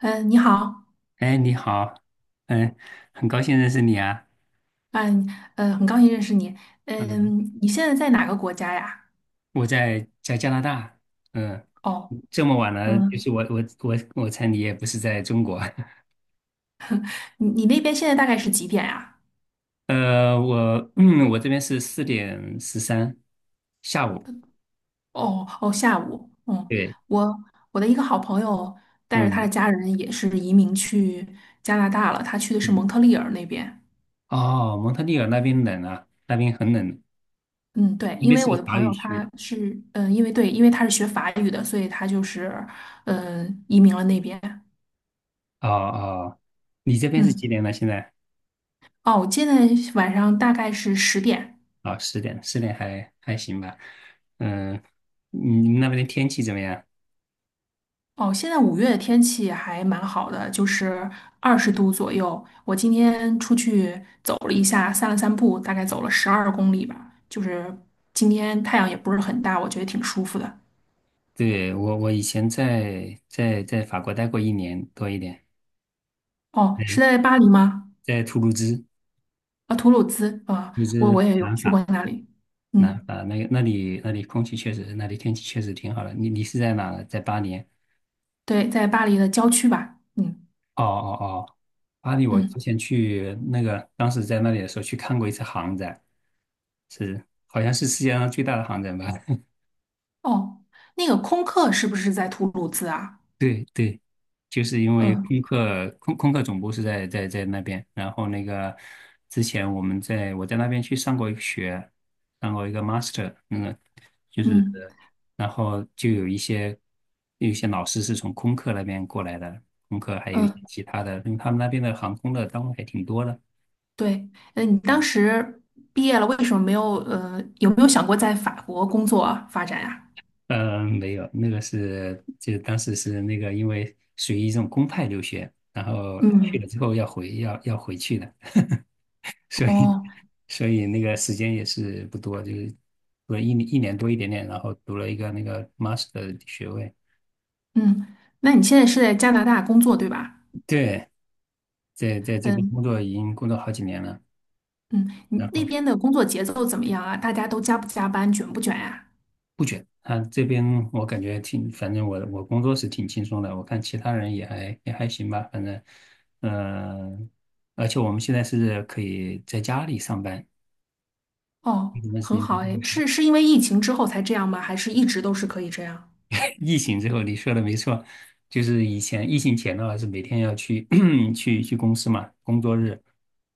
嗯，你好，哎，你好。嗯。很高兴认识你啊。嗯，很高兴认识你。嗯。嗯，你现在在哪个国家呀？我在加拿大。嗯。哦，这么晚了，就嗯，是我猜你也不是在中国。你那边现在大概是几点呀？我这边是4:13，下午。哦哦，下午。嗯，对。我我的一个好朋友带着他的嗯家人也是移民去加拿大了，他去的是嗯。蒙特利尔那边。哦，蒙特利尔那边冷啊，那边很冷，嗯，对，那因边为是个我的法朋语友区。他是，嗯，因为对，因为他是学法语的，所以他就是，嗯，移民了那边。哦哦。你这边是几嗯，点了？现在？哦，我现在晚上大概是10点。哦，十点，十点还行吧。嗯。你们那边的天气怎么样？哦，现在5月的天气还蛮好的，就是20度左右。我今天出去走了一下，散了散步，大概走了12公里吧。就是今天太阳也不是很大，我觉得挺舒服的。对，我以前在法国待过一年多一点。哦，是对，在巴黎吗？在图卢兹，图啊，吐鲁兹啊，卢我兹也有南去法，过那里。南嗯，法那个那里空气确实，那里天气确实挺好的。你是在哪呢，在巴黎？对，在巴黎的郊区吧。嗯哦哦哦，巴黎我之嗯，前去那个，当时在那里的时候去看过一次航展，是好像是世界上最大的航展吧？哦，那个空客是不是在吐鲁兹啊？对对。就是因为嗯空客总部是在那边，然后那个之前我在那边去上过一个学，上过一个 master。嗯。就是嗯。然后就有一些老师是从空客那边过来的，空客还有一些嗯，其他的，因为他们那边的航空的单位还挺多的。对，呃，你当时毕业了，为什么没有有没有想过在法国工作啊发展呀？嗯，没有，那个是就当时是那个因为属于一种公派留学，然后去嗯，了之后要回去的。所以哦，所以那个时间也是不多，就是读了一年多一点点，然后读了一个那个 master 的学位。嗯，那你现在是在加拿大工作对吧？对，在这边嗯已经工作好几年了。嗯，你然那后边的工作节奏怎么样啊？大家都加不加班，卷不卷呀？不卷。他这边我感觉挺，反正我工作是挺轻松的，我看其他人也还行吧，反正，嗯，而且我们现在是可以在家里上班。哦，没什么时很间。好哎，是因为疫情之后才这样吗？还是一直都是可以这样？疫情之后，你说的没错，就是以前疫情前的话是每天要去 去公司嘛，工作日，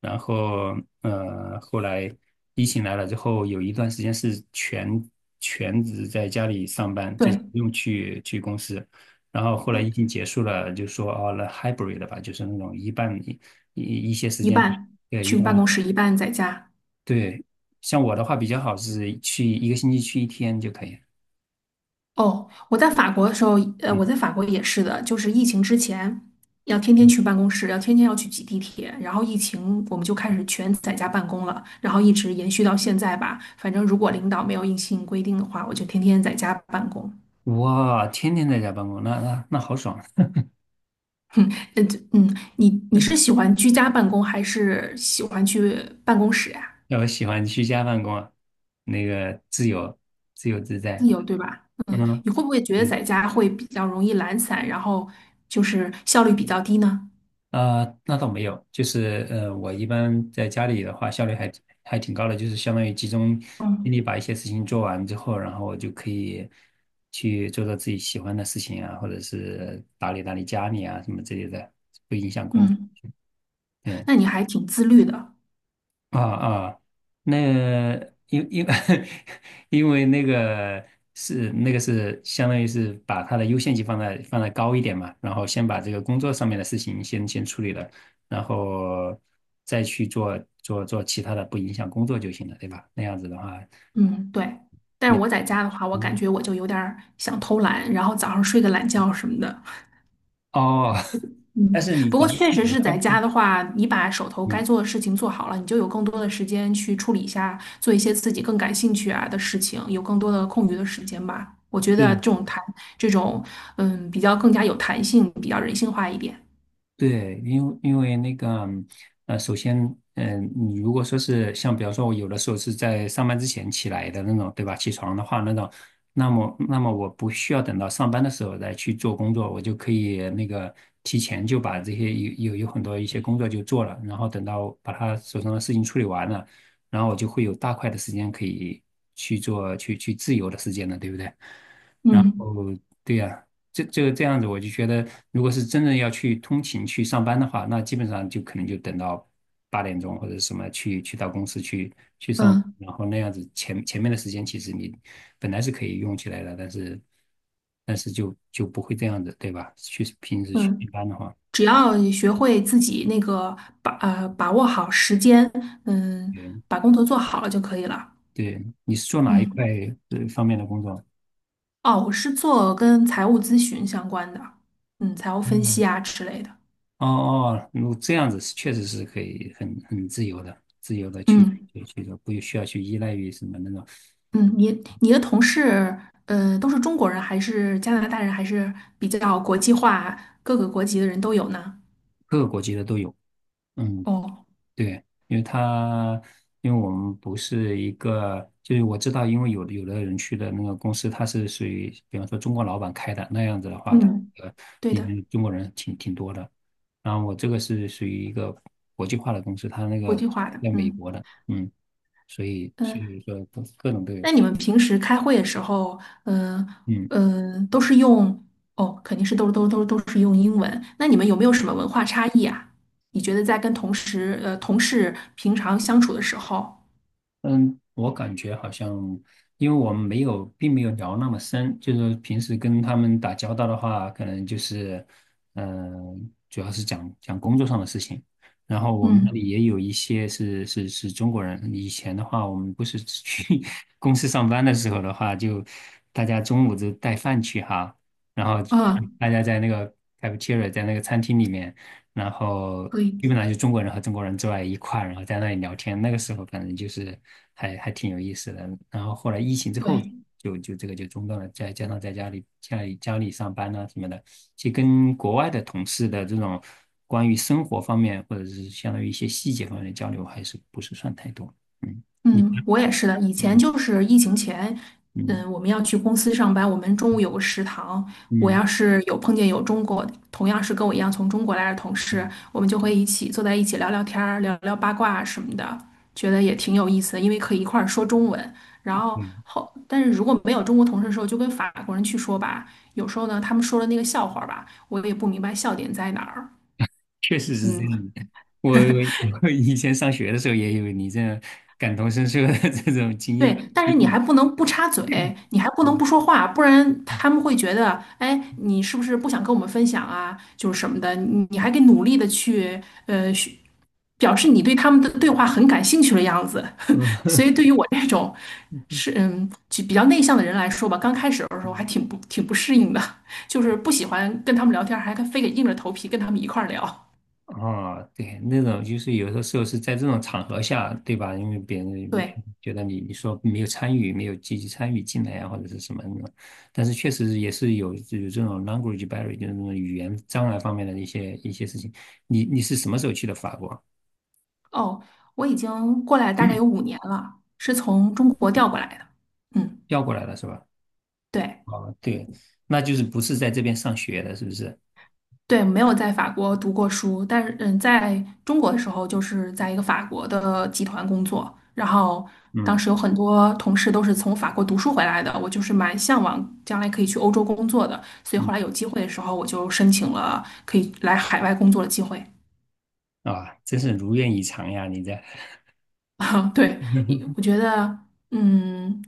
然后后来疫情来了之后，有一段时间是全职在家里上班，就是对，不用去公司。然后后来呃疫情结束了，就说哦，那 hybrid 的吧，就是那种一半一一些时一间，半对，一去半，办公室，一半在家。对。像我的话比较好是去一个星期去一天就可以。哦，我在法国的时候，呃，我嗯。在法国也是的，就是疫情之前，要天天嗯。去办公室，要天天要去挤地铁，然后疫情我们就开始全在家办公了，然后一直延续到现在吧。反正如果领导没有硬性规定的话，我就天天在家办公。哇，天天在家办公，那好爽！哼，呃，嗯，你是喜欢居家办公还是喜欢去办公室呀？那我喜欢居家办公啊，那个自由、自由自自在。由，对吧？嗯，嗯。你会不会觉得嗯。在家会比较容易懒散，然后就是效率比较低呢？啊，那倒没有，就是我一般在家里的话，效率还挺高的，就是相当于集中精力嗯把一些事情做完之后，然后我就可以去做做自己喜欢的事情啊，或者是打理打理家里啊什么之类的，不影响工作。嗯，那对。你还挺自律的。啊啊，那因因 因为那个是那个是相当于是把他的优先级放在高一点嘛，然后先把这个工作上面的事情先处理了，然后再去做做其他的，不影响工作就行了，对吧？那样子的话，嗯，对。但是两我在家的话，我感觉我就有点儿想偷懒，然后早上睡个懒觉什么的。哦。但嗯，是你不过咱们确起实来是在干。家的话，你把手头该嗯。做的事情做好了，你就有更多的时间去处理一下，做一些自己更感兴趣啊的事情，有更多的空余的时间吧。我觉得这种嗯，比较更加有弹性，比较人性化一点。对，因为那个，首先，嗯，你如果说是像比方说，我有的时候是在上班之前起来的那种，对吧？起床的话，那种，那么我不需要等到上班的时候再去做工作，我就可以那个提前就把这些有有有很多一些工作就做了，然后等到把他手上的事情处理完了，然后我就会有大块的时间可以去做去去自由的时间了，对不对？然嗯后对呀。这样子，我就觉得，如果是真的要去通勤去上班的话，那基本上就可能就等到8点钟或者什么去到公司去上班，嗯然后那样子前面的时间其实你本来是可以用起来的，但是就不会这样子，对吧？平时去嗯，上班的话，只要你学会自己那个把把握好时间，嗯，嗯，把工作做好了就可以了。对。你是做哪一块嗯，方面的工作？哦，我是做跟财务咨询相关的，嗯，财务分哦析啊之类的。哦哦，如果这样子是确实是可以很自由的，自由的去嗯去做，不需要去依赖于什么那种，嗯，你的同事，呃，都是中国人还是加拿大人，还是比较国际化，各个国籍的人都有呢？各个国籍的都有。嗯，哦，对，因为我们不是一个，就是我知道，因为有的人去的那个公司，它是属于，比方说中国老板开的那样子的话，它嗯，呃对里的，面中国人挺多的。然后我这个是属于一个国际化的公司，它那国个际化的。在美国嗯的。嗯。所以所嗯。以说各种都有。那你们平时开会的时候，嗯、嗯。嗯、都是用哦，肯定是都是用英文。那你们有没有什么文化差异啊？你觉得在跟同事平常相处的时候，嗯，我感觉好像，因为我们没有，并没有聊那么深，就是平时跟他们打交道的话，可能就是，嗯，主要是讲讲工作上的事情。然后我们那嗯里也有一些是中国人。以前的话，我们不是去 公司上班的时候的话，就大家中午就带饭去哈，然后啊，大家在那个 cafeteria,在那个餐厅里面。然后可基以，本上就中国人和中国人坐在一块儿然后在那里聊天。那个时候反正就是还还挺有意思的。然后后来疫情之后对，就就这个就中断了，再加上在家里上班啊什么的，其实跟国外的同事的这种关于生活方面或者是相当于一些细节方面的交流还是不是算太多。嗯。你嗯，我也是的。以前嗯就是疫情前，嗯嗯，我们要去公司上班，我们中午有个食堂。我嗯要是有碰见有中国，同样是跟我一样从中国来的同事，嗯，我们就会一起坐在一起聊聊天儿、聊聊八卦啊什么的，觉得也挺有意思的，因为可以一块儿说中文。然后对，后，但是如果没有中国同事的时候，就跟法国人去说吧。有时候呢，他们说的那个笑话吧，我也不明白笑点在哪儿。确实是这嗯。样的。我我以前上学的时候也有你这样感同身受的这种经对，验。但是你还不能不插嘴，你还不能嗯。不说话，不然他们会觉得，哎，你是不是不想跟我们分享啊？就是什么的，你还得努力的去，去表示你对他们的对话很感兴趣的样子。嗯。所以对于我这种是嗯就比较内向的人来说吧，刚开始的时候还挺不挺不适应的，就是不喜欢跟他们聊天，还非得硬着头皮跟他们一块儿聊。啊，对，那种就是有的时候是在这种场合下，对吧？因为别人对，觉得你你说没有参与，没有积极参与进来啊，或者是什么那种，但是确实也是有这种 language barrier,就是那种语言障碍方面的一些事情。你是什么时候去的法国？哦，我已经过来大概有五年了，是从中国调过来的。嗯，调过来的是吧？对。啊，对，那就是不是在这边上学的，是不是？对，没有在法国读过书，但是嗯，在中国的时候就是在一个法国的集团工作，然后当嗯。时有很多同事都是从法国读书回来的，我就是蛮向往将来可以去欧洲工作的，所以嗯。后来有机会的时候我就申请了可以来海外工作的机会。啊，真是如愿以偿呀，你在。啊，对，我 觉得，嗯，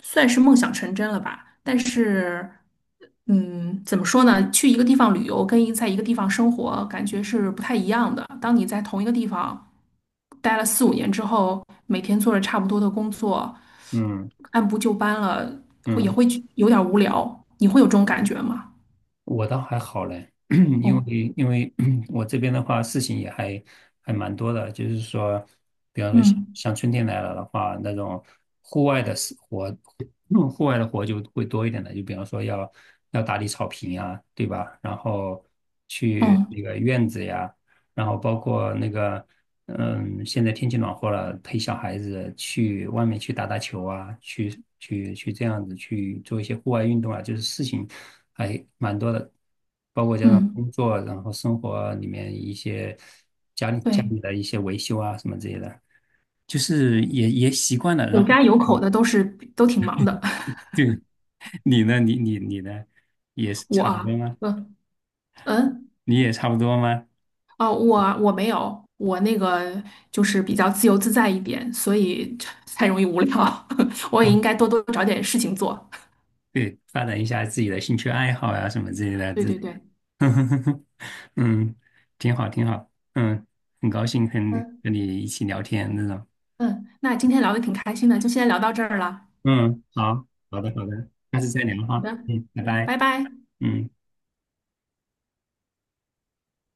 算是梦想成真了吧。但是，嗯，怎么说呢？去一个地方旅游跟在一个地方生活，感觉是不太一样的。当你在同一个地方待了4、5年之后，每天做着差不多的工作，嗯。按部就班了，也嗯。会觉有点无聊。你会有这种感觉吗？我倒还好嘞，因哦，为因为 我这边的话，事情也还还蛮多的，就是说，比方说像嗯像春天来了的话，那种户外的事活，嗯户外的活就会多一点的，就比方说要要打理草坪呀，对吧？然后去嗯那个院子呀，然后包括那个，嗯，现在天气暖和了，陪小孩子去外面去打打球啊，去这样子去做一些户外运动啊，就是事情还蛮多的，包括加上嗯，工作，然后生活里面一些家里家对，里的一些维修啊什么之类的，就是也也习惯了。有然后家有口的都是都挺忙的。就。 你呢也是 我差不多啊，吗？嗯嗯。你也差不多吗？哦，我没有，我那个就是比较自由自在一点，所以 才容易无聊。我也嗯，应该多多找点事情做。对，发展一下自己的兴趣爱好呀、什么之类的，对这。对对，嗯。挺好，挺好。嗯，很高兴跟嗯和你一起聊天那种。嗯，那今天聊的挺开心的，就先聊到这儿了。嗯。好。好的，好的，下次再聊好哈。的，嗯。拜嗯，拜。拜拜。嗯。